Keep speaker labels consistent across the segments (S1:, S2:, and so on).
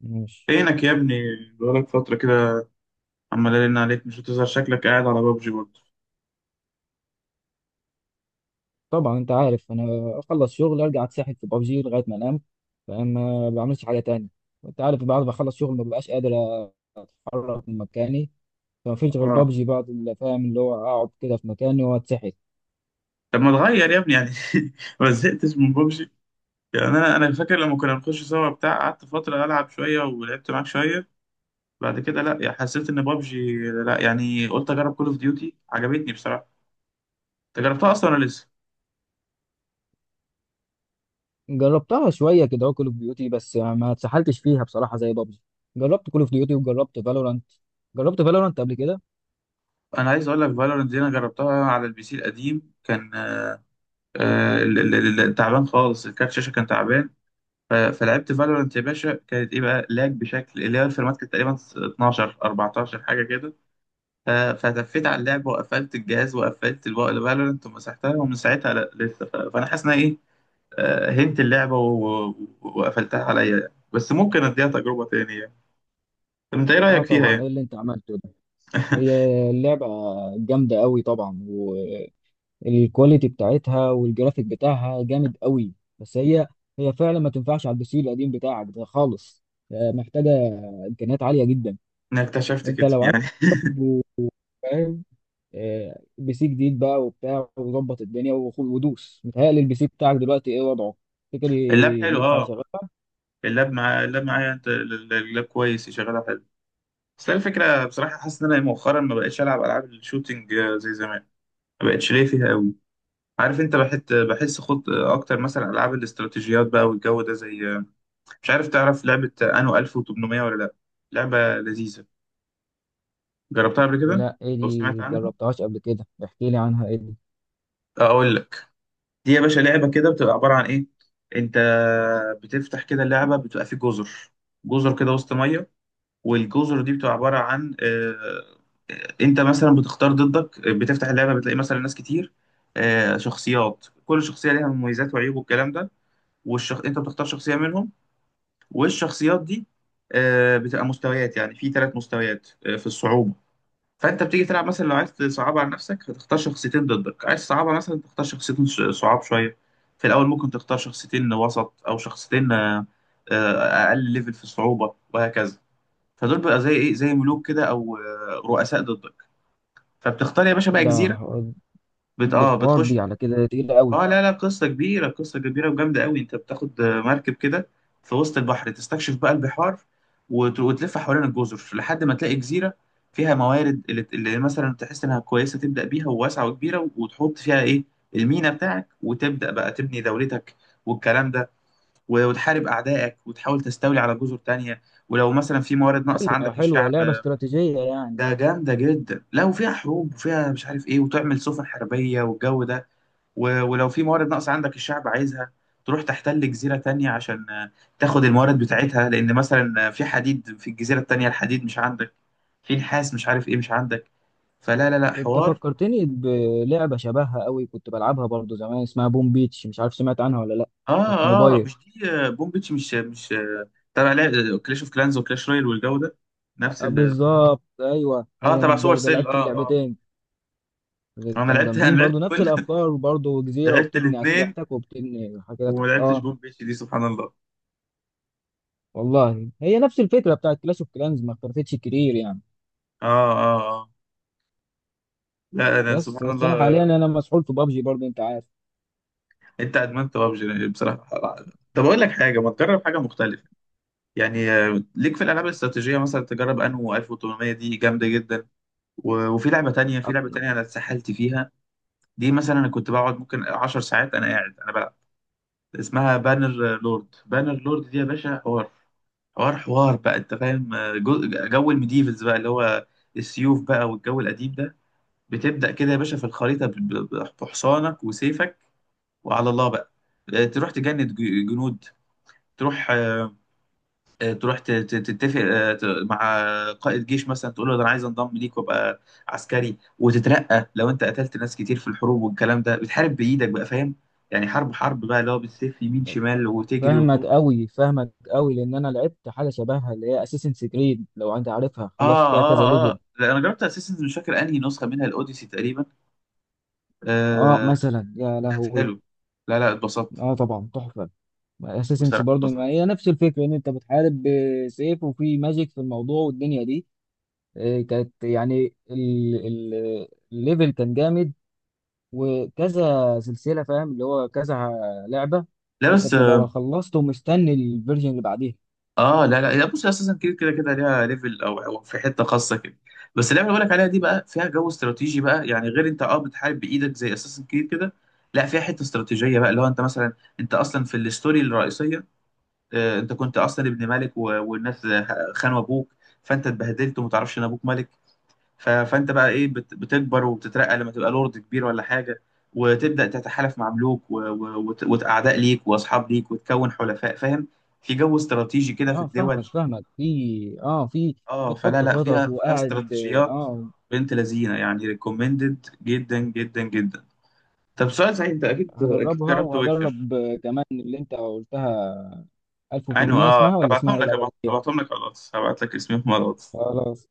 S1: ماشي.
S2: فينك يا ابني؟ بقالك فترة كده، عمال أرن عليك مش بتظهر، شكلك قاعد على بابجي برضه.
S1: طبعا انت عارف، انا اخلص شغل ارجع اتسحل في بابجي لغايه ما انام. فاهم، ما بعملش حاجه تانية. وانت عارف بعد ما اخلص شغل ما ببقاش قادر اتحرك من مكاني. فما فيش غير
S2: اه،
S1: بابجي بعد اللي فاهم، اللي هو اقعد كده في مكاني واتسحل.
S2: طب ما تغير يا ابني يعني. ما زهقتش من بابجي؟ يعني أنا فاكر لما كنا بنخش سوا بتاع، قعدت فترة ألعب شوية ولعبت معاك شوية. بعد كده لا يعني حسيت إن بابجي، لا يعني قلت أجرب كول أوف ديوتي، عجبتني بصراحة. أنت جربتها أصلا ولا لسه؟
S1: جربتها شويه كده كول اوف ديوتي، بس ما اتسحلتش فيها بصراحه زي بابجي. جربت كول اوف ديوتي وجربت فالورانت. جربت فالورانت قبل كده.
S2: أنا عايز أقول لك فالورنت دي أنا جربتها على البي سي القديم، كان تعبان خالص، الكارت شاشة كان تعبان. فلعبت فالورانت يا باشا، كانت ايه بقى؟ لاج بشكل، اللي هي الفيرمات كانت تقريبا 12 14 حاجه كده. فتفيت على اللعبه وقفلت الجهاز وقفلت الفالورانت ومسحتها، ومن ساعتها لا لسه. فانا حاسس ان أنا ايه، هنت اللعبه وقفلتها عليا يعني. بس ممكن اديها تجربه تانية يعني. طب انت ايه
S1: اه
S2: رايك فيها
S1: طبعا،
S2: يعني؟
S1: ايه اللي انت عملته ده؟ هي اللعبه جامده قوي طبعا. الكواليتي بتاعتها والجرافيك بتاعها جامد قوي. بس هي فعلا ما تنفعش على البي سي القديم بتاعك ده خالص. محتاجه امكانيات عاليه جدا.
S2: انا اكتشفت
S1: انت
S2: كده
S1: لو قعدت
S2: يعني.
S1: فاهم، بي سي جديد بقى وبتاع وظبط الدنيا ودوس. متهيألي البي سي بتاعك دلوقتي ايه وضعه؟ تفتكر
S2: اللاب حلو،
S1: ينفع
S2: اه،
S1: يشغلها؟
S2: اللاب، مع اللاب معايا انت، اللاب كويس شغاله حلو. بس الفكره بصراحه حاسس ان انا إيه، مؤخرا ما بقتش العب العاب الشوتينج زي زمان، ما بقتش ليه فيها قوي. عارف انت، بحس خد اكتر مثلا العاب الاستراتيجيات بقى والجو ده زي، مش عارف تعرف لعبه انو 1800 ولا لا؟ لعبه لذيذه، جربتها قبل كده.
S1: لا، ايه
S2: لو سمعت
S1: دي؟
S2: عنها
S1: جربتهاش قبل كده، احكي لي عنها. ايه دي؟
S2: اقول لك. دي يا باشا لعبه كده، بتبقى عباره عن ايه، انت بتفتح كده اللعبه، بتبقى في جزر، جزر كده وسط ميه. والجزر دي بتبقى عباره عن انت مثلا بتختار ضدك، بتفتح اللعبه بتلاقي مثلا ناس كتير، شخصيات، كل شخصيه ليها مميزات وعيوب والكلام ده. انت بتختار شخصيه منهم. والشخصيات دي بتبقى مستويات، يعني في ثلاث مستويات في الصعوبة. فانت بتيجي تلعب، مثلا لو عايز تصعبها على نفسك هتختار شخصيتين ضدك، عايز تصعبها مثلا تختار شخصيتين صعاب شوية. في الاول ممكن تختار شخصيتين وسط او شخصيتين اقل ليفل في الصعوبة، وهكذا. فدول بقى زي ايه، زي ملوك كده او رؤساء ضدك. فبتختار يا باشا بقى
S1: ده
S2: جزيرة،
S1: ح- دي
S2: اه
S1: حوار،
S2: بتخش.
S1: دي على كده تقيلة قوي.
S2: اه لا لا، قصة كبيرة، قصة كبيرة وجامدة قوي. انت بتاخد مركب كده في وسط البحر، تستكشف بقى البحار، وتلف حوالين الجزر لحد ما تلاقي جزيرة فيها موارد اللي مثلا تحس انها كويسة، تبدأ بيها، وواسعة وكبيرة، وتحط فيها ايه، المينا بتاعك، وتبدأ بقى تبني دولتك والكلام ده. وتحارب أعدائك وتحاول تستولي على جزر تانية، ولو مثلا في موارد ناقصة عندك
S1: حلوة،
S2: الشعب.
S1: لعبة استراتيجية يعني.
S2: ده جامدة جدا، لا وفيها حروب وفيها مش عارف ايه، وتعمل سفن حربية والجو ده. ولو في موارد ناقصة عندك الشعب عايزها، تروح تحتل جزيرة تانية عشان تاخد الموارد بتاعتها، لأن مثلا في حديد، في الجزيرة التانية الحديد مش عندك، في نحاس مش عارف إيه مش عندك. فلا لا لا،
S1: انت
S2: حوار.
S1: فكرتني بلعبه شبهها قوي، كنت بلعبها برضو زمان اسمها بوم بيتش، مش عارف سمعت عنها ولا لا.
S2: آه
S1: كانت
S2: آه،
S1: موبايل.
S2: مش دي بومبيتش، مش مش تبع كلاش أوف كلانز وكلاش رويال والجو ده، نفس
S1: أه،
S2: ال،
S1: بالظبط، ايوه
S2: آه،
S1: هي
S2: تبع سوبر
S1: الجوده،
S2: سيل. آه
S1: لعبت
S2: آه
S1: اللعبتين.
S2: آه. أنا
S1: كانوا
S2: لعبت، أنا
S1: جامدين
S2: لعبت
S1: برضو، نفس
S2: كل
S1: الافكار برضو، جزيره
S2: لعبت
S1: وبتبني
S2: الاتنين،
S1: اسلحتك وبتبني حاجاتك
S2: وما لعبتش
S1: اه.
S2: بومبيتش دي، سبحان الله.
S1: والله هي نفس الفكره بتاعت كلاش اوف كلانز، ما اختلفتش كتير يعني.
S2: آه آه آه، لا أنا
S1: بس
S2: سبحان
S1: بس انا حاليا
S2: الله.
S1: انا مسحول في بابجي برضو، انت عارف.
S2: انت ادمنت ببجي بصراحه. طب اقول لك حاجه، ما تجرب حاجه مختلفه يعني. ليك في الالعاب الاستراتيجيه مثلا، تجرب انو 1800 دي جامده جدا. وفي لعبه تانية، في
S1: أط-
S2: لعبه تانية انا اتسحلت فيها، دي مثلا انا كنت بقعد ممكن 10 ساعات انا قاعد انا بلعب. اسمها بانر لورد، بانر لورد دي يا باشا حوار، حوار بقى انت فاهم جو، جو الميديفلز بقى، اللي هو السيوف بقى والجو القديم ده. بتبدا كده يا باشا في الخريطه بحصانك وسيفك، وعلى الله بقى. تروح تجند جنود، تروح تروح تتفق مع قائد جيش مثلا، تقول له ده انا عايز انضم ليك وابقى عسكري، وتترقى لو انت قتلت ناس كتير في الحروب والكلام ده. بتحارب بايدك بقى، فاهم يعني، حرب حرب بقى، اللي هو بالسيف يمين شمال وتجري
S1: فاهمك
S2: وتنط.
S1: قوي، فاهمك قوي، لان انا لعبت حاجه شبهها اللي هي اساسن كريد، لو انت عارفها، خلصت
S2: اه
S1: فيها كذا
S2: اه
S1: ليفل.
S2: اه، لا انا جربت اساسنز، مش فاكر انهي نسخه منها، الاوديسي تقريبا.
S1: اه
S2: آه،
S1: مثلا، يا
S2: كانت
S1: لهوي.
S2: حلو. لا لا، اتبسطت
S1: اه طبعا تحفه. اساسنس
S2: بصراحه،
S1: برضو، ما
S2: اتبسطت.
S1: هي نفس الفكره ان انت بتحارب بسيف وفي ماجيك في الموضوع والدنيا دي. كانت يعني الليفل كان جامد. وكذا سلسله، فاهم اللي هو كذا لعبه.
S2: لا
S1: انت
S2: بس
S1: بتبقى خلصت ومستني الفيرجن اللي بعديها.
S2: اه لا لا لا، بص اساسا كده كده كده ليها ليفل، او أو في حته خاصه كده. بس اللعبه اللي بقولك عليها دي بقى فيها جو استراتيجي بقى، يعني غير انت اه بتحارب بايدك زي اساسا كده كده. لا فيها حته استراتيجيه بقى، اللي هو انت مثلا، انت اصلا في الستوري الرئيسيه، آه انت كنت اصلا ابن ملك والناس خانوا ابوك، فانت اتبهدلت وما تعرفش ان ابوك ملك. فانت بقى ايه، بتكبر وبتترقى لما تبقى لورد كبير ولا حاجه، وتبدا تتحالف مع ملوك واعداء ليك واصحاب ليك وتكون حلفاء، فاهم، في جو استراتيجي كده في
S1: اه
S2: الدول.
S1: فاهمك فاهمك، في
S2: اه فلا
S1: بتحط
S2: لا،
S1: خطط
S2: فيها فيها
S1: وقاعد.
S2: استراتيجيات.
S1: اه
S2: بنت لذينه يعني، ريكومندد جدا جدا جدا. طب سؤال سعيد، انت اكيد اكيد
S1: هدربها
S2: جربت ويتشر؟
S1: وهدرب كمان اللي انت قلتها،
S2: ايوه
S1: 1800،
S2: اه،
S1: اسمها ولا اسمها
S2: ابعتهم
S1: ايه
S2: لك،
S1: الاولانيه؟
S2: ابعتهم لك على الواتس، هبعت لك اسمهم على الواتس.
S1: خلاص.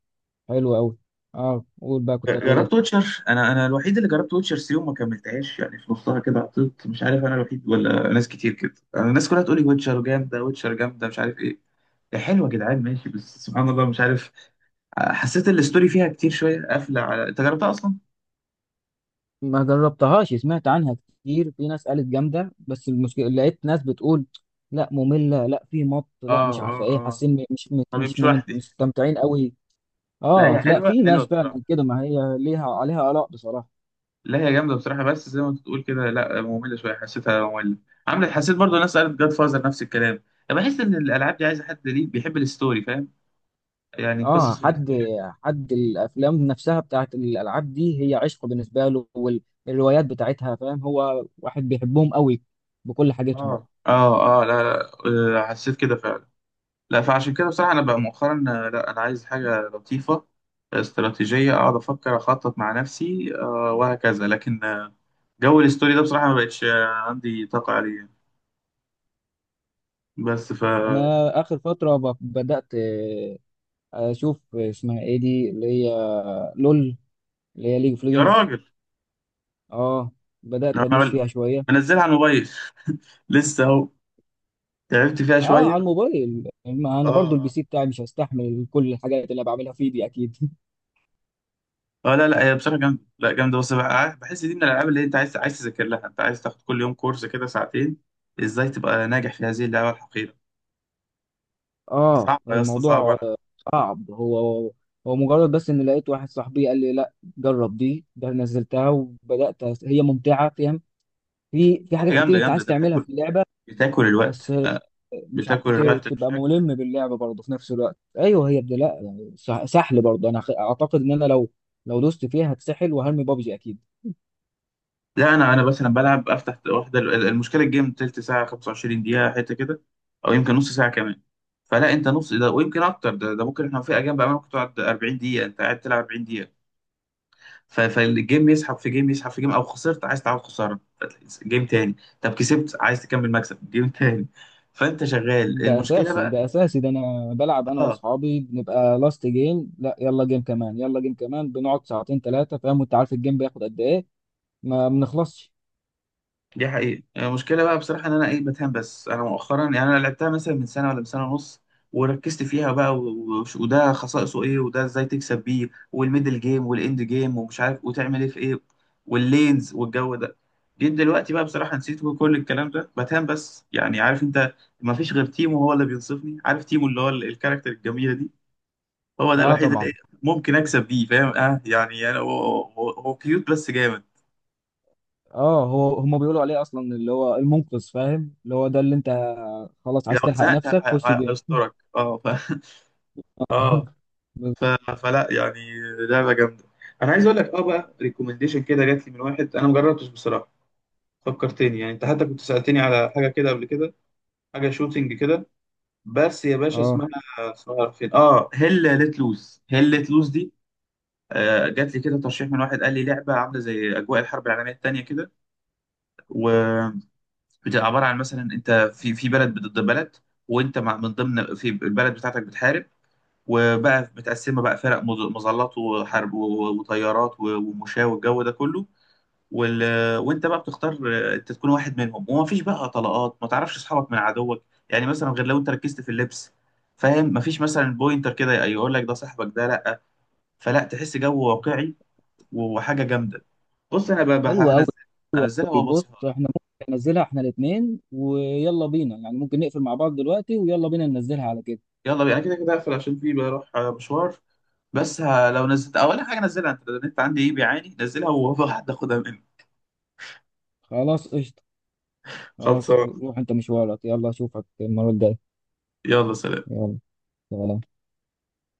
S1: حلو قوي. اه قول بقى، كنت هتقول ايه؟
S2: جربت ويتشر، انا الوحيد اللي جربت ويتشر 3 وما كملتهاش، يعني في نصها كده عطلت، مش عارف انا الوحيد ولا ناس كتير كده، انا الناس كلها تقول لي ويتشر جامده، ويتشر جامده، مش عارف ايه. هي حلوه يا جدعان ماشي، بس سبحان الله مش عارف، حسيت الستوري فيها كتير شويه قافله. على انت جربتها اصلا؟
S1: ما جربتهاش، سمعت عنها كتير، في ناس قالت جامده، بس المشكله لقيت ناس بتقول لا، ممله، لا في مط، لا
S2: اه
S1: مش عارفه
S2: اه
S1: ايه،
S2: اه،
S1: حاسين مش مش
S2: طب
S1: مش
S2: مش وحدي.
S1: مستمتعين قوي.
S2: لا
S1: اه
S2: هي
S1: لا،
S2: حلوه،
S1: في
S2: حلوه
S1: ناس
S2: بصراحه.
S1: فعلا كده، ما هي ليها عليها اراء بصراحه.
S2: لا هي جامده بصراحه، بس زي ما انت بتقول كده، لا ممله شويه حسيتها، ممله عملت حسيت برضو، الناس قالت جاد فازر نفس الكلام. انا بحس ان الالعاب دي عايزه حد ليه بيحب الستوري، فاهم يعني،
S1: اه،
S2: قصص
S1: حد
S2: الستوري كده.
S1: حد الافلام نفسها بتاعت الالعاب دي هي عشق بالنسبه له، والروايات بتاعتها، فاهم، هو واحد بيحبهم قوي بكل حاجتهم.
S2: اه اه اه لا لا حسيت كده فعلا. لا فعشان كده بصراحه انا بقى مؤخرا لا انا عايز حاجه لطيفه، استراتيجيه، اقعد افكر اخطط مع نفسي آه، وهكذا، لكن جو الستوري ده بصراحه ما بقتش عندي طاقه عليه يعني. بس ف،
S1: انا اخر فتره بدات اشوف اسمها ايه دي اللي هي، لول، اللي هي ليج اوف
S2: يا
S1: ليجندز.
S2: راجل،
S1: اه، بدات
S2: انا
S1: ادوس فيها شويه.
S2: منزلها على الموبايل لسه اهو، تعبت فيها
S1: اه، على
S2: شويه.
S1: الموبايل، ما
S2: اه
S1: انا برضو البي
S2: اه
S1: سي بتاعي مش هستحمل كل الحاجات اللي انا بعملها فيه دي اكيد.
S2: اه، لا لا هي بصراحه جامده، لا جامده، بس بقى عارف، بحس دي من الالعاب اللي انت عايز، عايز تذاكر لها، انت عايز تاخد كل يوم كورس كده ساعتين، ازاي تبقى ناجح في هذه اللعبه الحقيره.
S1: اه،
S2: صعبه يا اسطى، صعبه
S1: الموضوع
S2: لا.
S1: صعب هو. هو مجرد بس ان لقيت واحد صاحبي قال لي لا، جرب دي، ده نزلتها وبدات هي ممتعه، فاهم. في
S2: هي
S1: حاجات كتير
S2: جامده،
S1: انت
S2: جامده،
S1: عايز
S2: انت
S1: تعملها
S2: بتاكل،
S1: في اللعبه.
S2: بتاكل
S1: بس
S2: الوقت
S1: مش
S2: بتاكل
S1: عارف
S2: الوقت
S1: تبقى
S2: بشكل.
S1: ملم باللعبه برضه في نفس الوقت. ايوه هي بدي، لا يعني سحل برضه. انا اعتقد ان انا لو دوست فيها هتسحل وهرمي بابجي اكيد.
S2: لا انا مثلا بلعب، افتح واحده، المشكله الجيم تلت ساعه 25 دقيقه حته كده، او يمكن نص ساعه كمان. فلا انت نص ده ويمكن اكتر، ده ممكن، احنا في اجيال بقى ممكن تقعد 40 دقيقه، انت قاعد تلعب 40 دقيقه. فالجيم يسحب في جيم، يسحب في جيم، او خسرت عايز تعود خساره، جيم تاني. طب كسبت عايز تكمل مكسب، جيم تاني. فانت شغال،
S1: ده
S2: المشكله
S1: اساسي،
S2: بقى
S1: ده اساسي، ده انا بلعب انا
S2: اه،
S1: واصحابي بنبقى لاست جيم، لا يلا جيم كمان، يلا جيم كمان، بنقعد ساعتين ثلاثه، فاهم، وانت عارف الجيم بياخد قد ايه، ما بنخلصش.
S2: دي حقيقة المشكلة بقى بصراحة، إن أنا إيه، بتهان، بس أنا مؤخرا يعني أنا لعبتها مثلا من سنة، ولا من سنة ونص، وركزت فيها بقى وده خصائصه إيه، وده إزاي تكسب بيه، والميدل جيم والإند جيم ومش عارف وتعمل إيه في إيه، واللينز والجو ده. جيت دلوقتي بقى بصراحة نسيت كل الكلام ده، بتهان، بس يعني عارف أنت، مفيش غير تيمو هو اللي بينصفني، عارف تيمو، اللي هو الكاركتر الجميلة دي، هو ده
S1: اه
S2: الوحيد اللي
S1: طبعا.
S2: إيه ممكن أكسب بيه فاهم، أه يعني أنا، هو هو كيوت بس جامد.
S1: اه، هو هم بيقولوا عليه اصلا اللي هو المنقذ، فاهم، اللي هو ده اللي انت خلاص
S2: لو
S1: عايز تلحق
S2: زهقت
S1: نفسك
S2: ه-
S1: خش جيم.
S2: هيسترك أه اه. ف... فلا يعني لعبه جامده. انا عايز اقول لك اه بقى، ريكومنديشن كده جات لي من واحد انا ما جربتش بصراحه، فكرتني يعني، انت حتى كنت سالتني على حاجه كده قبل كده، حاجه شوتينج كده. بس يا باشا
S1: اه،
S2: اسمها، اسمها فين اه، هيل ليت لوز، هيل ليت لوز دي، آه جات لي كده ترشيح من واحد قال لي لعبه عامله زي اجواء الحرب العالميه الثانيه كده، وبتبقى عباره عن مثلا انت في، في بلد ضد بلد، وانت مع من ضمن في البلد بتاعتك بتحارب، وبقى متقسمه بقى فرق مظلات وحرب وطيارات ومشاة والجو ده كله، وال... وانت بقى بتختار انت تكون واحد منهم، ومفيش بقى طلقات ما تعرفش اصحابك من عدوك، يعني مثلا غير لو انت ركزت في اللبس فاهم، مفيش مثلا بوينتر كده يقول لك ده صاحبك ده لا، فلا تحس جو واقعي وحاجه جامده. بص انا بقى بقى
S1: حلو قوي.
S2: هنزل، هنزلها
S1: بص
S2: وابصيها لك.
S1: احنا ممكن ننزلها احنا الاثنين ويلا بينا يعني، ممكن نقفل مع بعض دلوقتي ويلا بينا ننزلها على كده.
S2: يلا بينا، أنا كده كده هقفل عشان في بروح مشوار، بس لو نزلت اول حاجه نزلها انت، النت عندي ايه بيعاني، نزلها وهاخدها منك.
S1: خلاص قشطة. خلاص.
S2: خلصان،
S1: روح انت مشوارك، يلا اشوفك المرة الجاية.
S2: يلا سلام
S1: يلا، سلام.